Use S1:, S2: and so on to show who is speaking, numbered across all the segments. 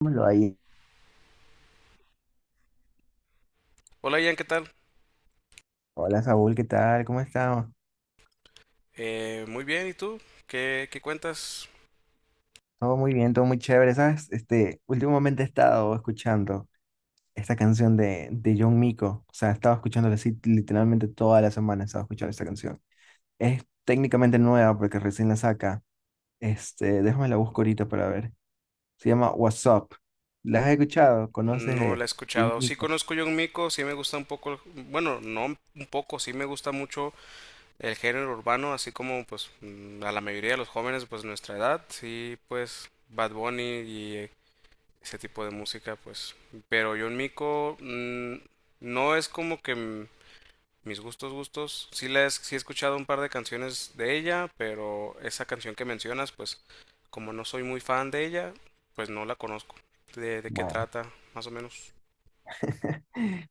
S1: Lo ahí.
S2: Hola Ian, ¿qué tal?
S1: Hola Saúl, ¿qué tal? ¿Cómo estamos?
S2: Muy bien, ¿y tú? ¿Qué cuentas?
S1: Todo muy bien, todo muy chévere, ¿sabes? Este, últimamente he estado escuchando esta canción de John Mico, o sea, he estado escuchándola así literalmente toda la semana, he estado escuchando esta canción. Es técnicamente nueva porque recién la saca, este, déjame la busco ahorita para ver. Se llama What's Up. ¿La has escuchado? ¿Conoces
S2: No la he
S1: de John
S2: escuchado. Sí
S1: Mico?
S2: conozco John Mico, sí me gusta un poco, bueno, no un poco, sí me gusta mucho el género urbano, así como pues a la mayoría de los jóvenes pues nuestra edad, sí pues Bad Bunny y ese tipo de música pues, pero John Mico, no es como que mis gustos, gustos. Sí, sí he escuchado un par de canciones de ella, pero esa canción que mencionas, pues como no soy muy fan de ella, pues no la conozco. ¿De qué
S1: Bueno,
S2: trata? Más o menos.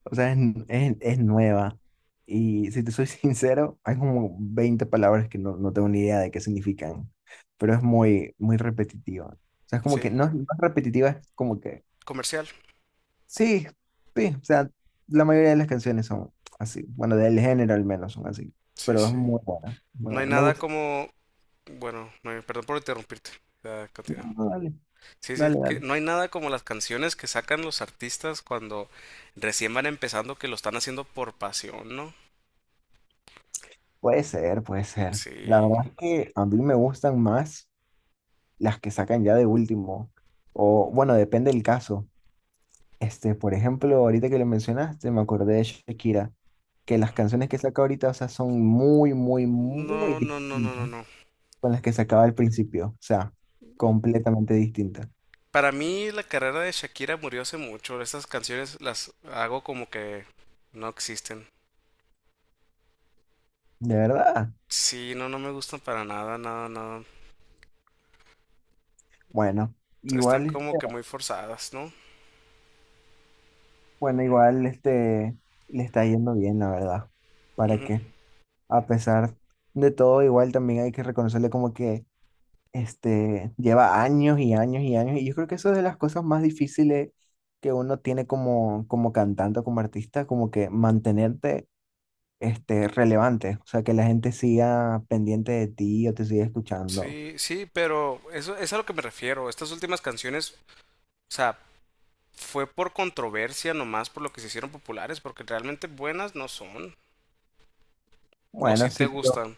S1: o sea, es nueva. Y si te soy sincero, hay como 20 palabras que no, no tengo ni idea de qué significan, pero es muy, muy repetitiva. O sea, es como que
S2: Sí,
S1: no, es no es repetitiva, es como que
S2: comercial.
S1: sí, sí, o sea, la mayoría de las canciones son así. Bueno, del género al menos son así,
S2: Sí,
S1: pero es
S2: sí.
S1: muy buena, muy
S2: No hay
S1: buena. Me
S2: nada
S1: gusta.
S2: como... Bueno, no hay- perdón por interrumpirte. Ya,
S1: Ah,
S2: continúa.
S1: dale,
S2: Sí, sí,
S1: dale,
S2: que
S1: dale.
S2: no hay nada como las canciones que sacan los artistas cuando recién van empezando, que lo están haciendo por pasión, ¿no?
S1: Puede ser, puede ser. La
S2: Sí.
S1: verdad es que a mí me gustan más las que sacan ya de último, o bueno, depende del caso. Este, por ejemplo, ahorita que lo mencionaste, me acordé de Shakira, que las canciones que saca ahorita, o sea, son muy, muy, muy
S2: No, no, no, no, no,
S1: distintas
S2: no.
S1: con las que sacaba al principio, o sea, completamente distintas.
S2: Para mí la carrera de Shakira murió hace mucho. Estas canciones las hago como que no existen.
S1: De verdad.
S2: Sí, no, no me gustan para nada, nada, nada.
S1: Bueno,
S2: Están
S1: igual,
S2: como
S1: este,
S2: que muy forzadas, ¿no?
S1: bueno, igual este, le está yendo bien, la verdad. ¿Para
S2: Ujú.
S1: qué? A pesar de todo, igual también hay que reconocerle como que este, lleva años y años y años, y yo creo que eso es de las cosas más difíciles que uno tiene como cantante o como artista, como que mantenerte, este, relevante, o sea, que la gente siga pendiente de ti o te siga escuchando.
S2: Sí, sí, pero eso es a lo que me refiero. Estas últimas canciones, o sea, fue por controversia nomás, por lo que se hicieron populares, porque realmente buenas no son. O
S1: Bueno,
S2: si te
S1: sí, pero
S2: gustan.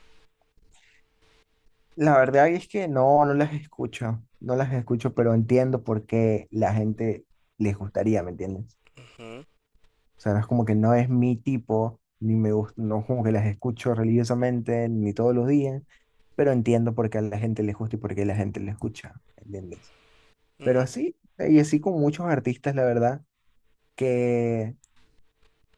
S1: la verdad es que no, no las escucho, no las escucho, pero entiendo por qué la gente les gustaría, ¿me entiendes?
S2: Ujú,
S1: O sea, no es como que no es mi tipo, ni me gusta, no es como que las escucho religiosamente, ni todos los días, pero entiendo por qué a la gente le gusta y por qué la gente le escucha, ¿entiendes? Pero
S2: ujú.
S1: así, y así con muchos artistas, la verdad, que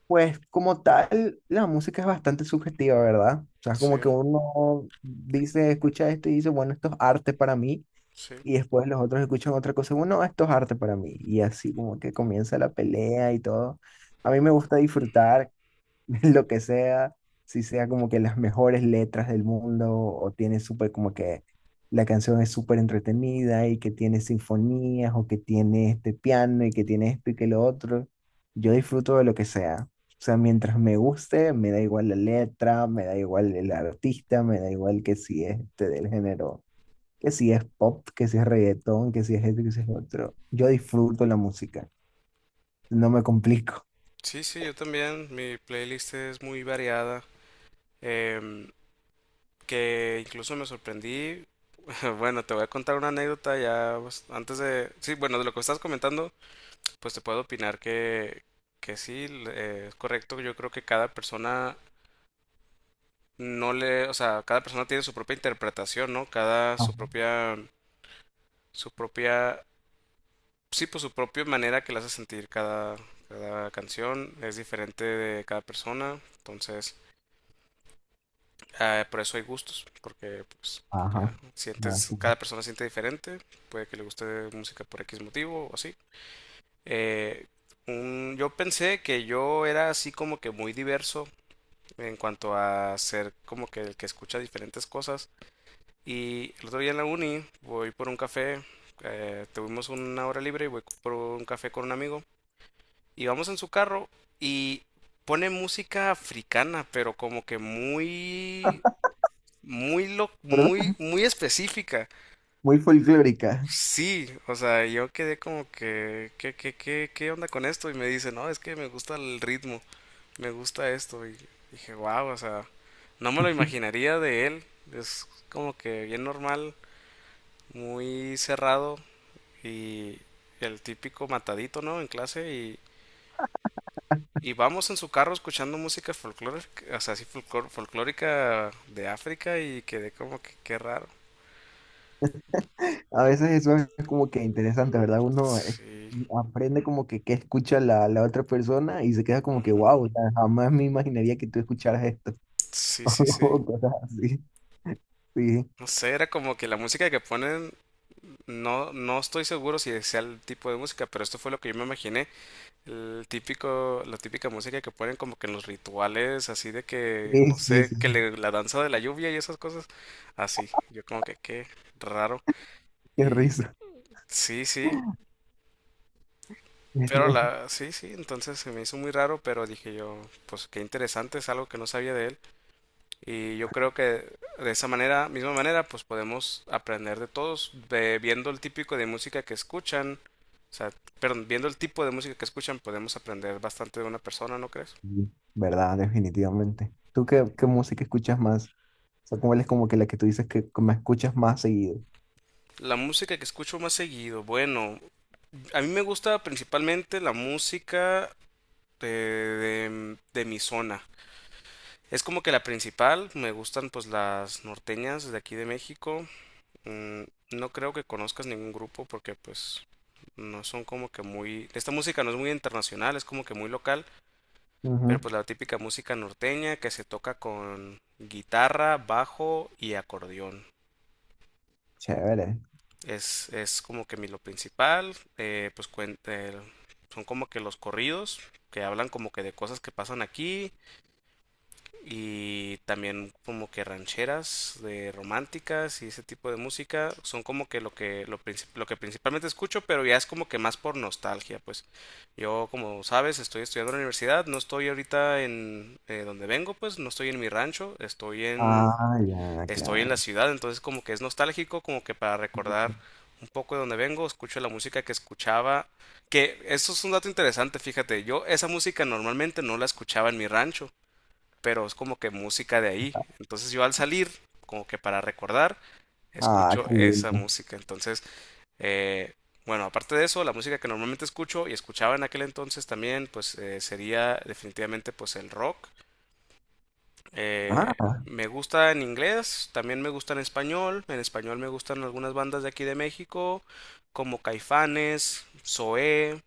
S1: pues como tal, la música es bastante subjetiva, ¿verdad? O sea, es
S2: Sí,
S1: como que uno dice, escucha esto y dice, bueno, esto es arte para mí,
S2: sí.
S1: y después los otros escuchan otra cosa, bueno, esto es arte para mí, y así como que comienza la pelea y todo. A mí me gusta disfrutar lo que sea, si sea como que las mejores letras del mundo o tiene súper como que la canción es súper entretenida y que tiene sinfonías o que tiene este piano y que tiene esto y que lo otro, yo disfruto de lo que sea. O sea, mientras me guste, me da igual la letra, me da igual el artista, me da igual que si es este del género, que si es pop, que si es reggaetón, que si es este, que si es lo otro. Yo disfruto la música, no me complico.
S2: Sí, sí, yo también. Mi playlist es muy variada. Em, que incluso me sorprendí. Bueno, te voy a contar una anécdota ya pues, antes de... Sí, bueno, de lo que estás comentando, pues te puedo opinar que sí, es correcto. Yo creo que cada persona no le... O sea, cada persona tiene su propia interpretación, ¿no? Cada su
S1: Ajá.
S2: propia... Su propia... Sí, pues su propia manera que le hace sentir cada, cada canción. Es diferente de cada persona. Entonces, ah, por eso hay gustos, porque pues
S1: Ajá. Así es.
S2: cada persona siente diferente, puede que le guste música por X motivo o así. Eh, yo pensé que yo era así como que muy diverso en cuanto a ser como que el que escucha diferentes cosas. Y el otro día en la uni voy por un café, tuvimos una hora libre y voy por un café con un amigo. Y vamos en su carro y pone música africana, pero como que muy muy
S1: Pero
S2: muy, muy específica.
S1: muy folclórica.
S2: Sí, o sea, yo quedé como que, ¿qué, qué, qué, qué onda con esto? Y me dice, no, es que me gusta el ritmo, me gusta esto. Y dije, wow, o sea, no me lo imaginaría de él. Es como que bien normal, muy cerrado y el típico matadito, ¿no? En clase y vamos en su carro escuchando música folclórica, o sea, así folclórica de África, y quedé como que, qué raro.
S1: A veces eso es como que interesante, ¿verdad? Uno
S2: Sí.
S1: aprende como que qué escucha la otra persona y se queda como que, wow, jamás me imaginaría que tú escucharas esto.
S2: Sí, sí, sí.
S1: O cosas así. Sí,
S2: No sé, era como que la música que ponen, no, no estoy seguro si sea el tipo de música, pero esto fue lo que yo me imaginé. El típico, la típica música que ponen como que en los rituales, así de que,
S1: sí,
S2: no
S1: sí, sí.
S2: sé, la danza de la lluvia y esas cosas. Así, yo como que qué raro.
S1: Qué
S2: Y
S1: risa.
S2: sí, sí, pero la, sí, sí, entonces se me hizo muy raro, pero dije yo, pues qué interesante, es algo que no sabía de él. Y yo creo que de esa manera, misma manera, pues podemos aprender de todos, viendo el típico de música que escuchan, o sea, perdón, viendo el tipo de música que escuchan, podemos aprender bastante de una persona, ¿no crees?
S1: Sí, ¿verdad? Definitivamente. ¿Tú qué música escuchas más? O sea, ¿cuál es como que la que tú dices que me escuchas más seguido?
S2: La música que escucho más seguido, bueno, a mí me gusta principalmente la música de mi zona. Es como que la principal, me gustan pues las norteñas de aquí de México. Mm, no creo que conozcas ningún grupo porque pues no son como que muy, esta música no es muy internacional, es como que muy local, pero
S1: Ujú.
S2: pues la típica música norteña que se toca con guitarra, bajo y acordeón.
S1: Chévere.
S2: Es como que mi lo principal, pues son como que los corridos que hablan como que de cosas que pasan aquí, y también como que rancheras de románticas y ese tipo de música son como que lo que principalmente escucho, pero ya es como que más por nostalgia, pues yo, como sabes, estoy estudiando en la universidad, no estoy ahorita en donde vengo, pues no estoy en mi rancho, estoy en
S1: Ah, ya,
S2: estoy en la
S1: claro.
S2: ciudad. Entonces como que es nostálgico, como que para recordar un poco de donde vengo, escucho la música que escuchaba. Que esto es un dato interesante, fíjate, yo esa música normalmente no la escuchaba en mi rancho, pero es como que música de ahí. Entonces yo al salir, como que para recordar,
S1: Ah,
S2: escucho
S1: qué
S2: esa
S1: lindo.
S2: música. Entonces, eh, bueno, aparte de eso, la música que normalmente escucho y escuchaba en aquel entonces también, pues sería definitivamente pues el rock. Eh,
S1: Ah,
S2: Me gusta en inglés, también me gusta en español. En español me gustan algunas bandas de aquí de México, como Caifanes, Zoé.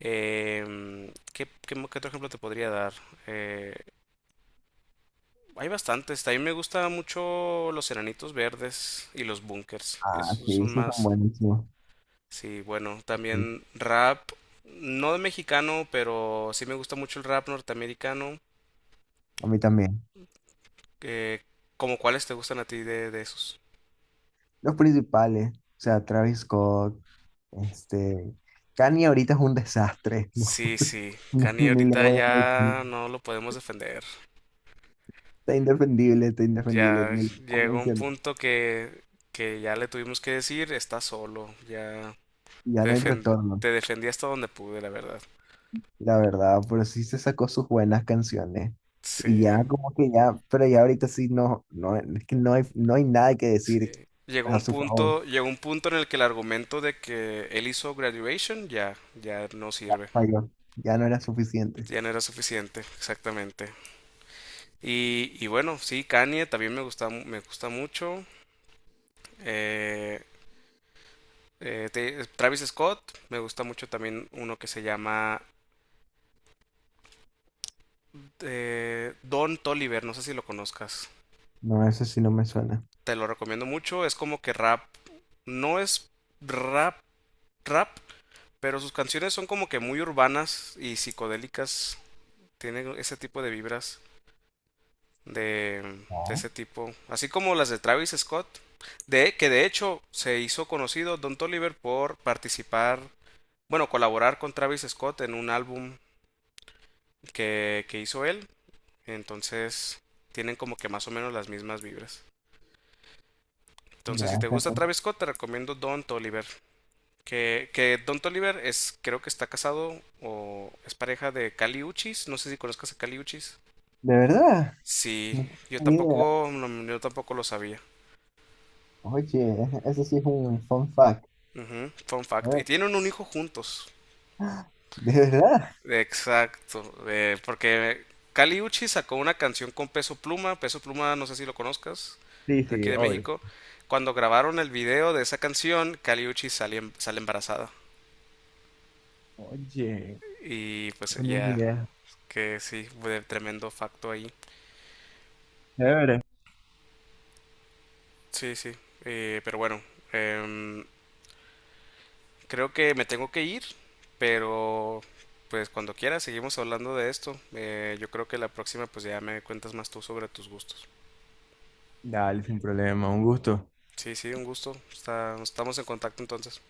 S2: ¿ Qué otro ejemplo te podría dar? Eh, Hay bastantes. A mí me gusta mucho Los Enanitos Verdes y Los Bunkers.
S1: ah,
S2: Esos
S1: sí,
S2: son
S1: esos son
S2: más.
S1: buenísimos.
S2: Sí, bueno,
S1: Sí,
S2: también rap. No de mexicano, pero sí me gusta mucho el rap norteamericano.
S1: a mí también.
S2: Eh, ¿Cómo cuáles te gustan a ti de esos?
S1: Los principales, o sea, Travis Scott, este, Kanye ahorita es un desastre, ¿no?
S2: Sí, sí.
S1: No,
S2: Kanye
S1: ni le
S2: ahorita
S1: voy a mencionar.
S2: ya no lo podemos defender.
S1: Está indefendible,
S2: Ya
S1: ni le puedo
S2: llegó un
S1: mencionar.
S2: punto que ya le tuvimos que decir, está solo. Ya
S1: Ya
S2: te
S1: no hay
S2: defen-
S1: retorno,
S2: te defendí hasta donde pude, la verdad.
S1: la verdad, pero sí se sacó sus buenas canciones.
S2: Sí.
S1: Y ya como que ya, pero ya ahorita sí no, no, es que no hay nada que
S2: Sí.
S1: decir a su favor.
S2: Llegó un punto en el que el argumento de que él hizo Graduation ya, ya no sirve.
S1: Falló. Ya no era suficiente.
S2: Ya no era suficiente, exactamente. Y bueno, sí, Kanye también me me gusta mucho. Eh, Travis Scott, me gusta mucho también uno que se llama Don Toliver, no sé si lo conozcas.
S1: No, eso sí no me suena.
S2: Te lo recomiendo mucho, es como que rap, no es rap, rap, pero sus canciones son como que muy urbanas y psicodélicas. Tiene ese tipo de vibras de, de
S1: No.
S2: ese tipo. Así como las de Travis Scott. De, que de hecho se hizo conocido Don Toliver por participar, bueno, colaborar con Travis Scott en un álbum que hizo él. Entonces tienen como que más o menos las mismas vibras. Entonces, si te
S1: Ya.
S2: gusta Travis Scott, te recomiendo Don Toliver. Que Don Toliver es, creo que está casado o es pareja de Cali Uchis. No sé si conozcas a Cali Uchis.
S1: De verdad,
S2: Sí,
S1: no
S2: yo
S1: tenía idea.
S2: tampoco, no, yo tampoco lo sabía.
S1: Oye, eso sí es un fun fact.
S2: Ujú, fun
S1: A
S2: fact.
S1: ver,
S2: Y tienen un hijo juntos.
S1: ¿de verdad?
S2: Exacto. Porque Kali Uchi sacó una canción con Peso Pluma. Peso Pluma, no sé si lo conozcas,
S1: Sí,
S2: de aquí
S1: sí,
S2: de
S1: hoy.
S2: México. Cuando grabaron el video de esa canción, Kali Uchi sale, sale embarazada.
S1: Oye,
S2: Y
S1: no
S2: pues
S1: tenía ni
S2: ya,
S1: idea.
S2: que sí, fue tremendo facto ahí.
S1: De verdad.
S2: Sí, sí. Pero bueno, em, creo que me tengo que ir, pero pues cuando quieras seguimos hablando de esto. Yo creo que la próxima pues ya me cuentas más tú sobre tus gustos.
S1: Dale, sin problema, un gusto.
S2: Sí, sí, un gusto. Estamos en contacto entonces.